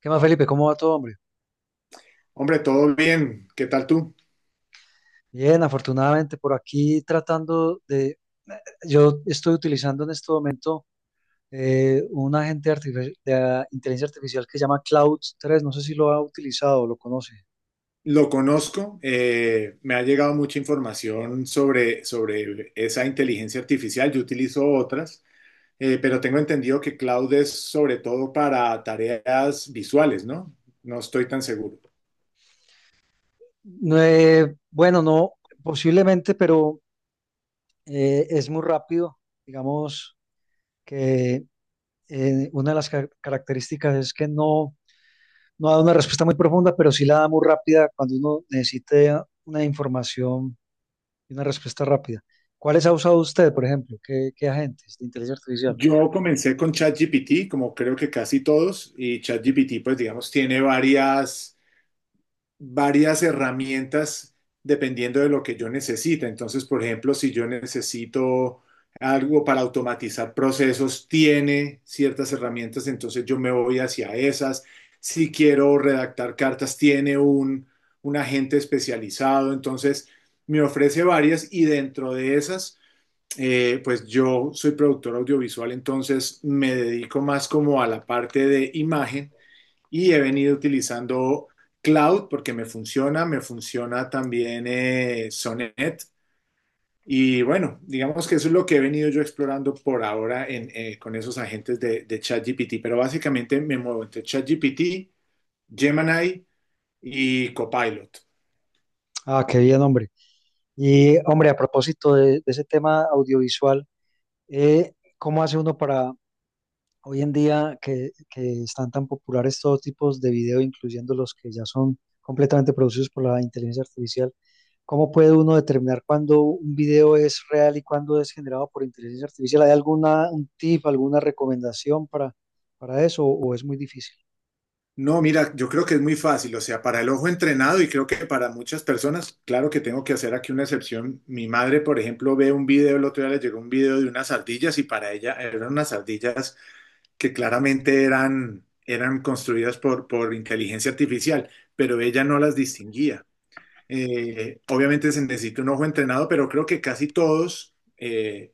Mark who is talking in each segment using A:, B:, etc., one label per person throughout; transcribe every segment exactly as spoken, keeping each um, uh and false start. A: ¿Qué más, Felipe? ¿Cómo va todo, hombre?
B: Hombre, todo bien. ¿Qué tal tú?
A: Bien, afortunadamente por aquí tratando de... eh, yo estoy utilizando en este momento eh, un agente artifici- de ah, inteligencia artificial que se llama Cloud tres. No sé si lo ha utilizado o lo conoce.
B: Lo conozco. Eh, me ha llegado mucha información sobre, sobre esa inteligencia artificial. Yo utilizo otras, eh, pero tengo entendido que Cloud es sobre todo para tareas visuales, ¿no? No estoy tan seguro.
A: No, eh, bueno, no, posiblemente, pero eh, es muy rápido. Digamos que eh, una de las ca- características es que no, no da una respuesta muy profunda, pero sí la da muy rápida cuando uno necesita una información y una respuesta rápida. ¿Cuáles ha usado usted, por ejemplo? ¿Qué, qué agentes de inteligencia artificial?
B: Yo comencé con ChatGPT, como creo que casi todos, y ChatGPT, pues digamos, tiene varias varias herramientas dependiendo de lo que yo necesite. Entonces, por ejemplo, si yo necesito algo para automatizar procesos, tiene ciertas herramientas, entonces yo me voy hacia esas. Si quiero redactar cartas, tiene un, un agente especializado, entonces me ofrece varias y dentro de esas, eh, pues yo soy productor audiovisual, entonces me dedico más como a la parte de imagen y he venido utilizando Cloud porque me funciona, me funciona también eh, Sonnet. Y bueno, digamos que eso es lo que he venido yo explorando por ahora en, eh, con esos agentes de, de ChatGPT, pero básicamente me muevo entre ChatGPT, Gemini y Copilot.
A: Ah, qué bien, hombre. Y, hombre, a propósito de, de ese tema audiovisual, eh, ¿cómo hace uno para hoy en día que, que están tan populares todos tipos de video, incluyendo los que ya son completamente producidos por la inteligencia artificial? ¿Cómo puede uno determinar cuándo un video es real y cuándo es generado por inteligencia artificial? ¿Hay alguna un tip, alguna recomendación para, para eso o es muy difícil?
B: No, mira, yo creo que es muy fácil, o sea, para el ojo entrenado y creo que para muchas personas, claro que tengo que hacer aquí una excepción. Mi madre, por ejemplo, ve un video, el otro día le llegó un video de unas ardillas y para ella eran unas ardillas que claramente eran, eran construidas por, por inteligencia artificial, pero ella no las distinguía. Eh, obviamente se necesita un ojo entrenado, pero creo que casi todos, eh,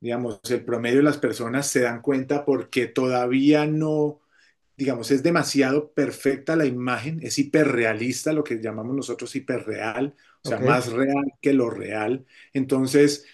B: digamos, el promedio de las personas se dan cuenta porque todavía no digamos, es demasiado perfecta la imagen, es hiperrealista, lo que llamamos nosotros hiperreal, o sea,
A: Ok.
B: más real que lo real. Entonces,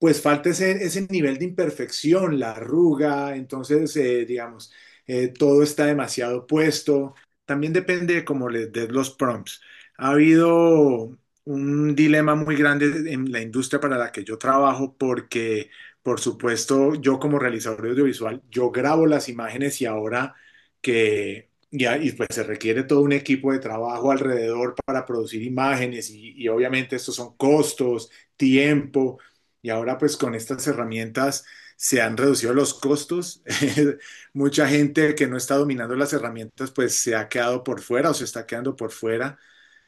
B: pues falta ese, ese nivel de imperfección, la arruga, entonces, eh, digamos, eh, todo está demasiado puesto. También depende de cómo le des los prompts. Ha habido un dilema muy grande en la industria para la que yo trabajo porque, por supuesto, yo como realizador audiovisual, yo grabo las imágenes y ahora que y, a- y, pues se requiere todo un equipo de trabajo alrededor para producir imágenes y, y obviamente estos son costos, tiempo y ahora pues con estas herramientas se han reducido los costos. Mucha gente que no está dominando las herramientas pues se ha quedado por fuera o se está quedando por fuera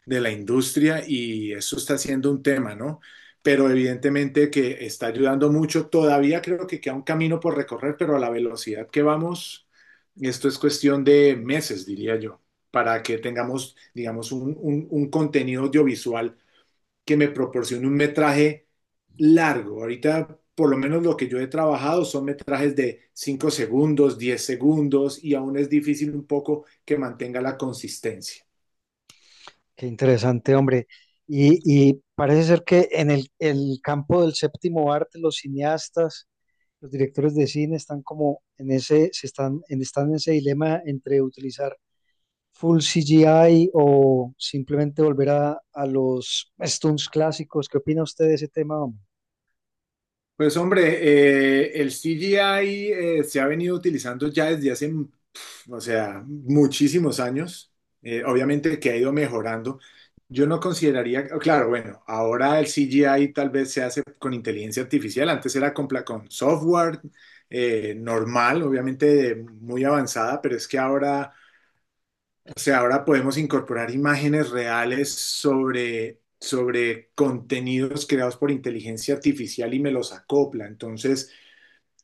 B: de la industria y eso está siendo un tema, ¿no? Pero evidentemente que está ayudando mucho. Todavía creo que queda un camino por recorrer, pero a la velocidad que vamos, esto es cuestión de meses, diría yo, para que tengamos, digamos, un, un- un contenido audiovisual que me proporcione un metraje largo. Ahorita, por lo menos lo que yo he trabajado son metrajes de cinco segundos, diez segundos, y aún es difícil un poco que mantenga la consistencia.
A: Qué interesante, hombre. Y, y parece ser que en el, el campo del séptimo arte, los cineastas, los directores de cine están como en ese, se están, en, están en ese dilema entre utilizar full C G I o simplemente volver a, a los stunts clásicos. ¿Qué opina usted de ese tema, hombre?
B: Pues hombre, eh, el C G I eh, se ha venido utilizando ya desde hace, pf, o sea, muchísimos años. Eh, obviamente que ha ido mejorando. Yo no consideraría, claro, bueno, ahora el C G I tal vez se hace con inteligencia artificial. Antes era con, pla- con software eh, normal, obviamente de- muy avanzada, pero es que ahora, o sea, ahora podemos incorporar imágenes reales sobre, sobre contenidos creados por inteligencia artificial y me los acopla. Entonces…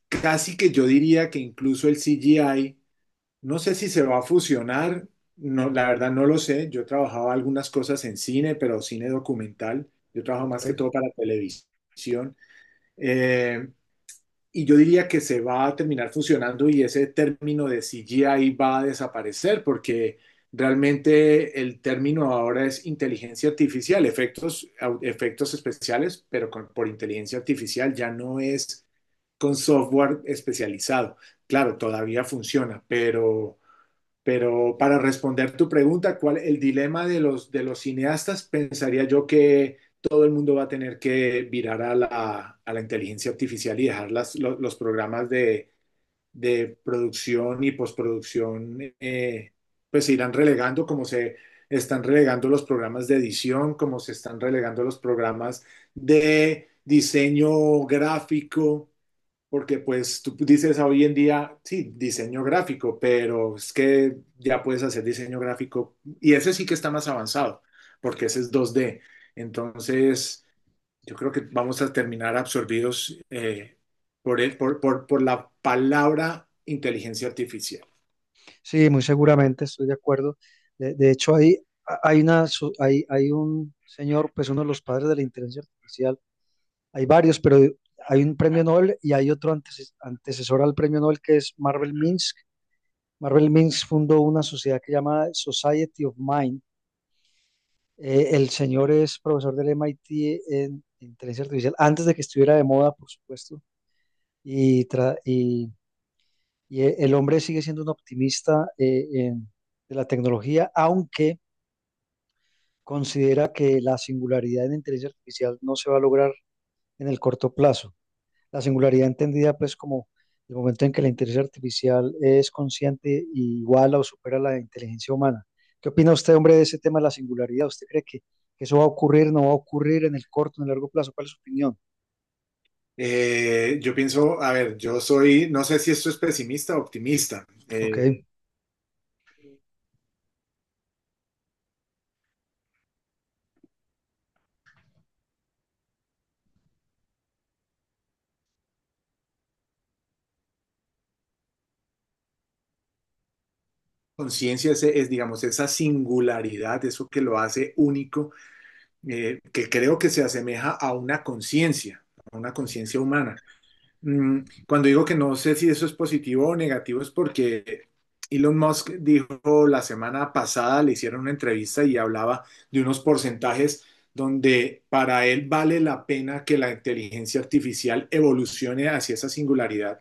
B: casi que yo diría que incluso el C G I, no sé si se va a fusionar, no, la verdad no lo sé. Yo trabajaba algunas cosas en cine, pero cine documental. Yo trabajo
A: Ok.
B: más que todo para televisión. Eh, y yo diría que se va a terminar fusionando y ese término de C G I va a desaparecer porque realmente el término ahora es inteligencia artificial, efectos, au- efectos especiales, pero con- por inteligencia artificial ya no es con software especializado. Claro, todavía funciona, pero, pero para responder tu pregunta, ¿cuál el dilema de los, de los cineastas? Pensaría yo que todo el mundo va a tener que virar a la, a la inteligencia artificial y dejar las, los, los, programas de, de producción y postproducción, eh, pues se irán relegando como se están relegando los programas de edición, como se están relegando los programas de diseño gráfico porque pues tú dices hoy en día, sí, diseño gráfico, pero es que ya puedes hacer diseño gráfico y ese sí que está más avanzado, porque ese es dos d. Entonces, yo creo que vamos a terminar absorbidos eh, por, el- por, por, por la palabra inteligencia artificial.
A: Sí, muy seguramente estoy de acuerdo. De, de hecho, hay, hay, una, so- hay, hay un señor, pues uno de los padres de la inteligencia artificial, hay varios, pero hay un premio Nobel y hay otro antes, antecesor al premio Nobel que es Marvel Minsk. Marvel Minsk fundó una sociedad que se llama Society of Mind. Eh, el señor es profesor del M I T en inteligencia artificial, antes de que estuviera de moda, por supuesto, y, tra y, y e, el hombre sigue siendo un optimista eh, en, de la tecnología, aunque considera que la singularidad en inteligencia artificial no se va a lograr en el corto plazo. La singularidad entendida pues como el momento en que la inteligencia artificial es consciente y iguala o supera la inteligencia humana. ¿Qué opina usted, hombre, de ese tema de la singularidad? ¿Usted cree que, que eso va a ocurrir, no va a ocurrir en el corto, en el largo plazo? ¿Cuál es su opinión?
B: Eh, yo pienso, a ver, yo soy, no sé si esto es pesimista o optimista.
A: Ok,
B: Eh, conciencia es, es, digamos, esa singularidad, eso que lo hace único eh, que creo que se asemeja a una conciencia, a una conciencia humana. Mm, cuando digo que no sé si eso es positivo o negativo es porque Elon Musk dijo la semana pasada, le hicieron una entrevista y hablaba de unos porcentajes donde para él vale la pena que la inteligencia artificial evolucione hacia esa singularidad,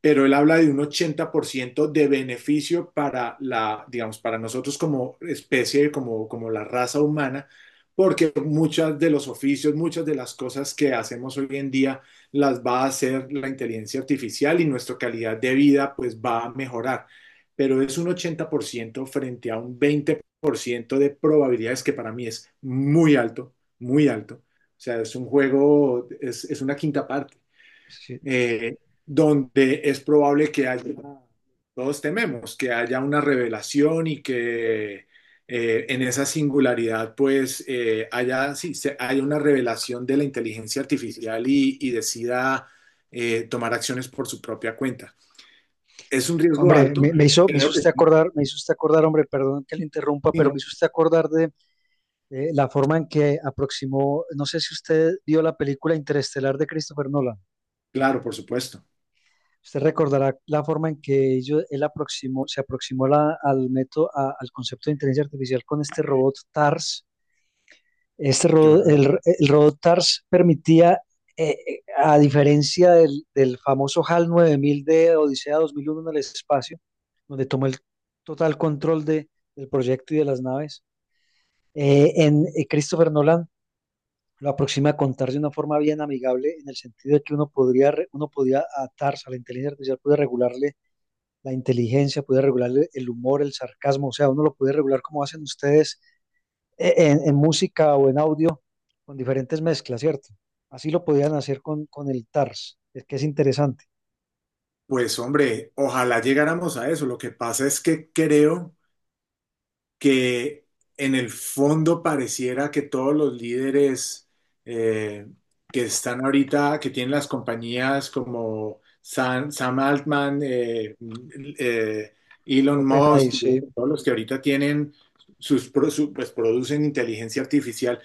B: pero él habla de un ochenta por ciento de beneficio para la, digamos, para nosotros como especie, como, como la raza humana, porque muchas de los oficios, muchas de las cosas que hacemos hoy en día las va a hacer la inteligencia artificial y nuestra calidad de vida pues va a mejorar, pero es un ochenta por ciento frente a un veinte por ciento de probabilidades que para mí es muy alto, muy alto. O sea, es un juego, es, es una quinta parte
A: sí.
B: eh, donde es probable que haya, todos tememos, que haya una revelación y que eh, en esa singularidad pues eh, haya, sí, se- haya una revelación de la inteligencia artificial y, y decida eh, tomar acciones por su propia cuenta. Es un riesgo
A: Hombre,
B: alto,
A: me, me hizo, me hizo
B: creo que
A: usted
B: sí,
A: acordar, me hizo usted acordar, hombre, perdón que le interrumpa,
B: sí,
A: pero me
B: ¿no?
A: hizo usted acordar de eh, la forma en que aproximó, no sé si usted vio la película Interestelar de Christopher Nolan.
B: Claro, por supuesto.
A: Usted recordará la forma en que ello- él aproximó, se aproximó la- al método, a- al concepto de inteligencia artificial con este robot TARS. Este
B: Que
A: ro-
B: bueno,
A: el, el robot TARS permitía, eh, eh, a diferencia del, del famoso HAL nueve mil de Odisea dos mil uno en el espacio, donde tomó el total control de, del proyecto y de las naves, eh, en eh, Christopher Nolan lo aproxima a contar de una forma bien amigable, en el sentido de que uno podría, re- uno podía a TARS, a la inteligencia artificial, puede regularle la inteligencia, puede regular el humor, el sarcasmo, o sea, uno lo puede regular como hacen ustedes eh, en, en música o en audio con diferentes mezclas, ¿cierto? Así lo podían hacer con, con el TARS, es que es interesante.
B: pues hombre, ojalá llegáramos a eso. Lo que pasa es que creo que en el fondo pareciera que todos los líderes eh, que están ahorita, que tienen las compañías como Sam, Sam Altman, eh, eh, Elon
A: OpenAI,
B: Musk, y
A: sí,
B: bueno, todos los que ahorita tienen sus, pro- su- pues producen inteligencia artificial.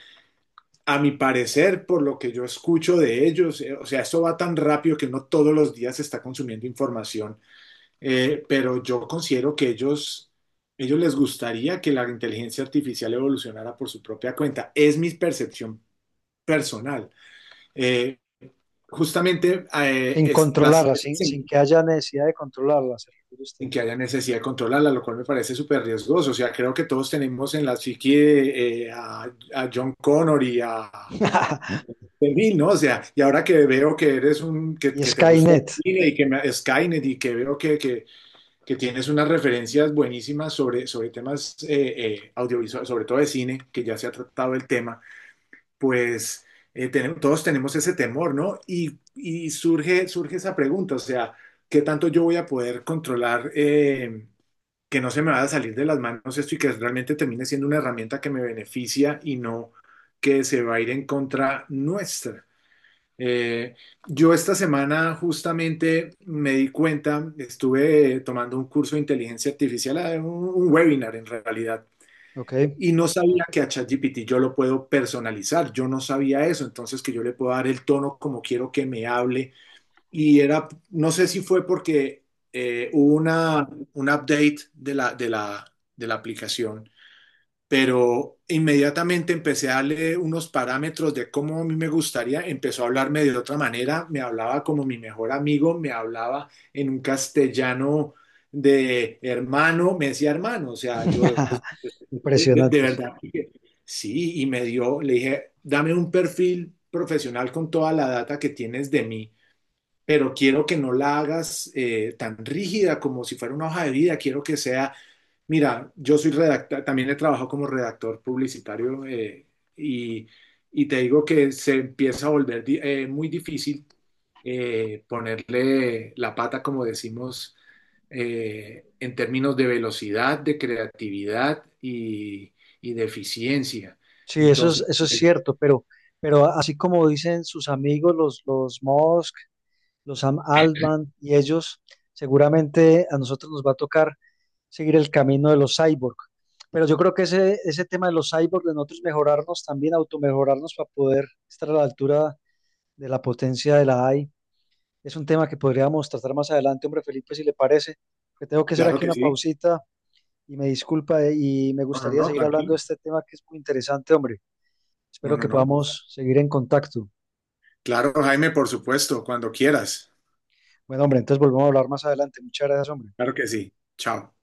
B: A mi parecer, por lo que yo escucho de ellos, eh, o sea, eso va tan rápido que no todos los días se está consumiendo información eh, pero yo considero que ellos, ellos les gustaría que la inteligencia artificial evolucionara por su propia cuenta. Es mi percepción personal. Eh, Justamente eh,
A: sin
B: es, las,
A: controlarla,
B: es
A: sin, sin
B: sin,
A: que haya necesidad de controlarla, se refiere usted.
B: sin que haya necesidad de controlarla, lo cual me parece súper riesgoso. O sea, creo que todos tenemos en la psique eh, a, a John Connor y a Bill, ¿no? O sea, y ahora que veo que eres un, que,
A: Y
B: que te gusta
A: Skynet,
B: el cine y que me, Skynet y que veo que, que, que tienes unas referencias buenísimas sobre, sobre temas eh, eh, audiovisuales, sobre todo de cine, que ya se ha tratado el tema, pues eh, tenemos, todos tenemos ese temor, ¿no? Y, y, surge, surge esa pregunta, o sea, ¿qué tanto yo voy a poder controlar eh, que no se me vaya a salir de las manos esto y que realmente termine siendo una herramienta que me beneficia y no que se va a ir en contra nuestra? Eh, yo esta semana justamente me di cuenta, estuve eh, tomando un curso de inteligencia artificial, eh, un, un webinar en realidad,
A: ¿ok?
B: y no sabía que a ChatGPT yo lo puedo personalizar, yo no sabía eso, entonces que yo le puedo dar el tono como quiero que me hable, y era, no sé si fue porque eh, hubo una, un update de la, de la, de la aplicación, pero inmediatamente empecé a darle unos parámetros de cómo a mí me gustaría, empezó a hablarme de otra manera, me hablaba como mi mejor amigo, me hablaba en un castellano de hermano, me decía hermano, o sea, yo pues, de, de
A: Impresionante, sí.
B: verdad, sí, y me dio, le dije, dame un perfil profesional con toda la data que tienes de mí, pero quiero que no la hagas eh, tan rígida como si fuera una hoja de vida, quiero que sea… mira, yo soy redactor, también he trabajado como redactor publicitario eh, y, y te digo que se empieza a volver di- eh, muy difícil eh, ponerle la pata, como decimos, eh, en términos de velocidad, de creatividad y, y de eficiencia.
A: Sí, eso es,
B: Entonces,
A: eso es cierto, pero, pero así como dicen sus amigos, los, los Musk, los Sam Altman y ellos, seguramente a nosotros nos va a tocar seguir el camino de los cyborg. Pero yo creo que ese, ese tema de los cyborg, de nosotros mejorarnos también, automejorarnos para poder estar a la altura de la potencia de la A I, es un tema que podríamos tratar más adelante, hombre Felipe, si le parece, que tengo que hacer
B: claro
A: aquí
B: que
A: una
B: sí.
A: pausita y me disculpa eh, y me
B: No, no,
A: gustaría
B: no,
A: seguir hablando de
B: tranquilo.
A: este tema que es muy interesante, hombre.
B: No,
A: Espero
B: no,
A: que
B: no.
A: podamos seguir en contacto.
B: Claro, Jaime, por supuesto, cuando quieras.
A: Bueno, hombre, entonces volvemos a hablar más adelante. Muchas gracias, hombre.
B: Claro que sí. Chao.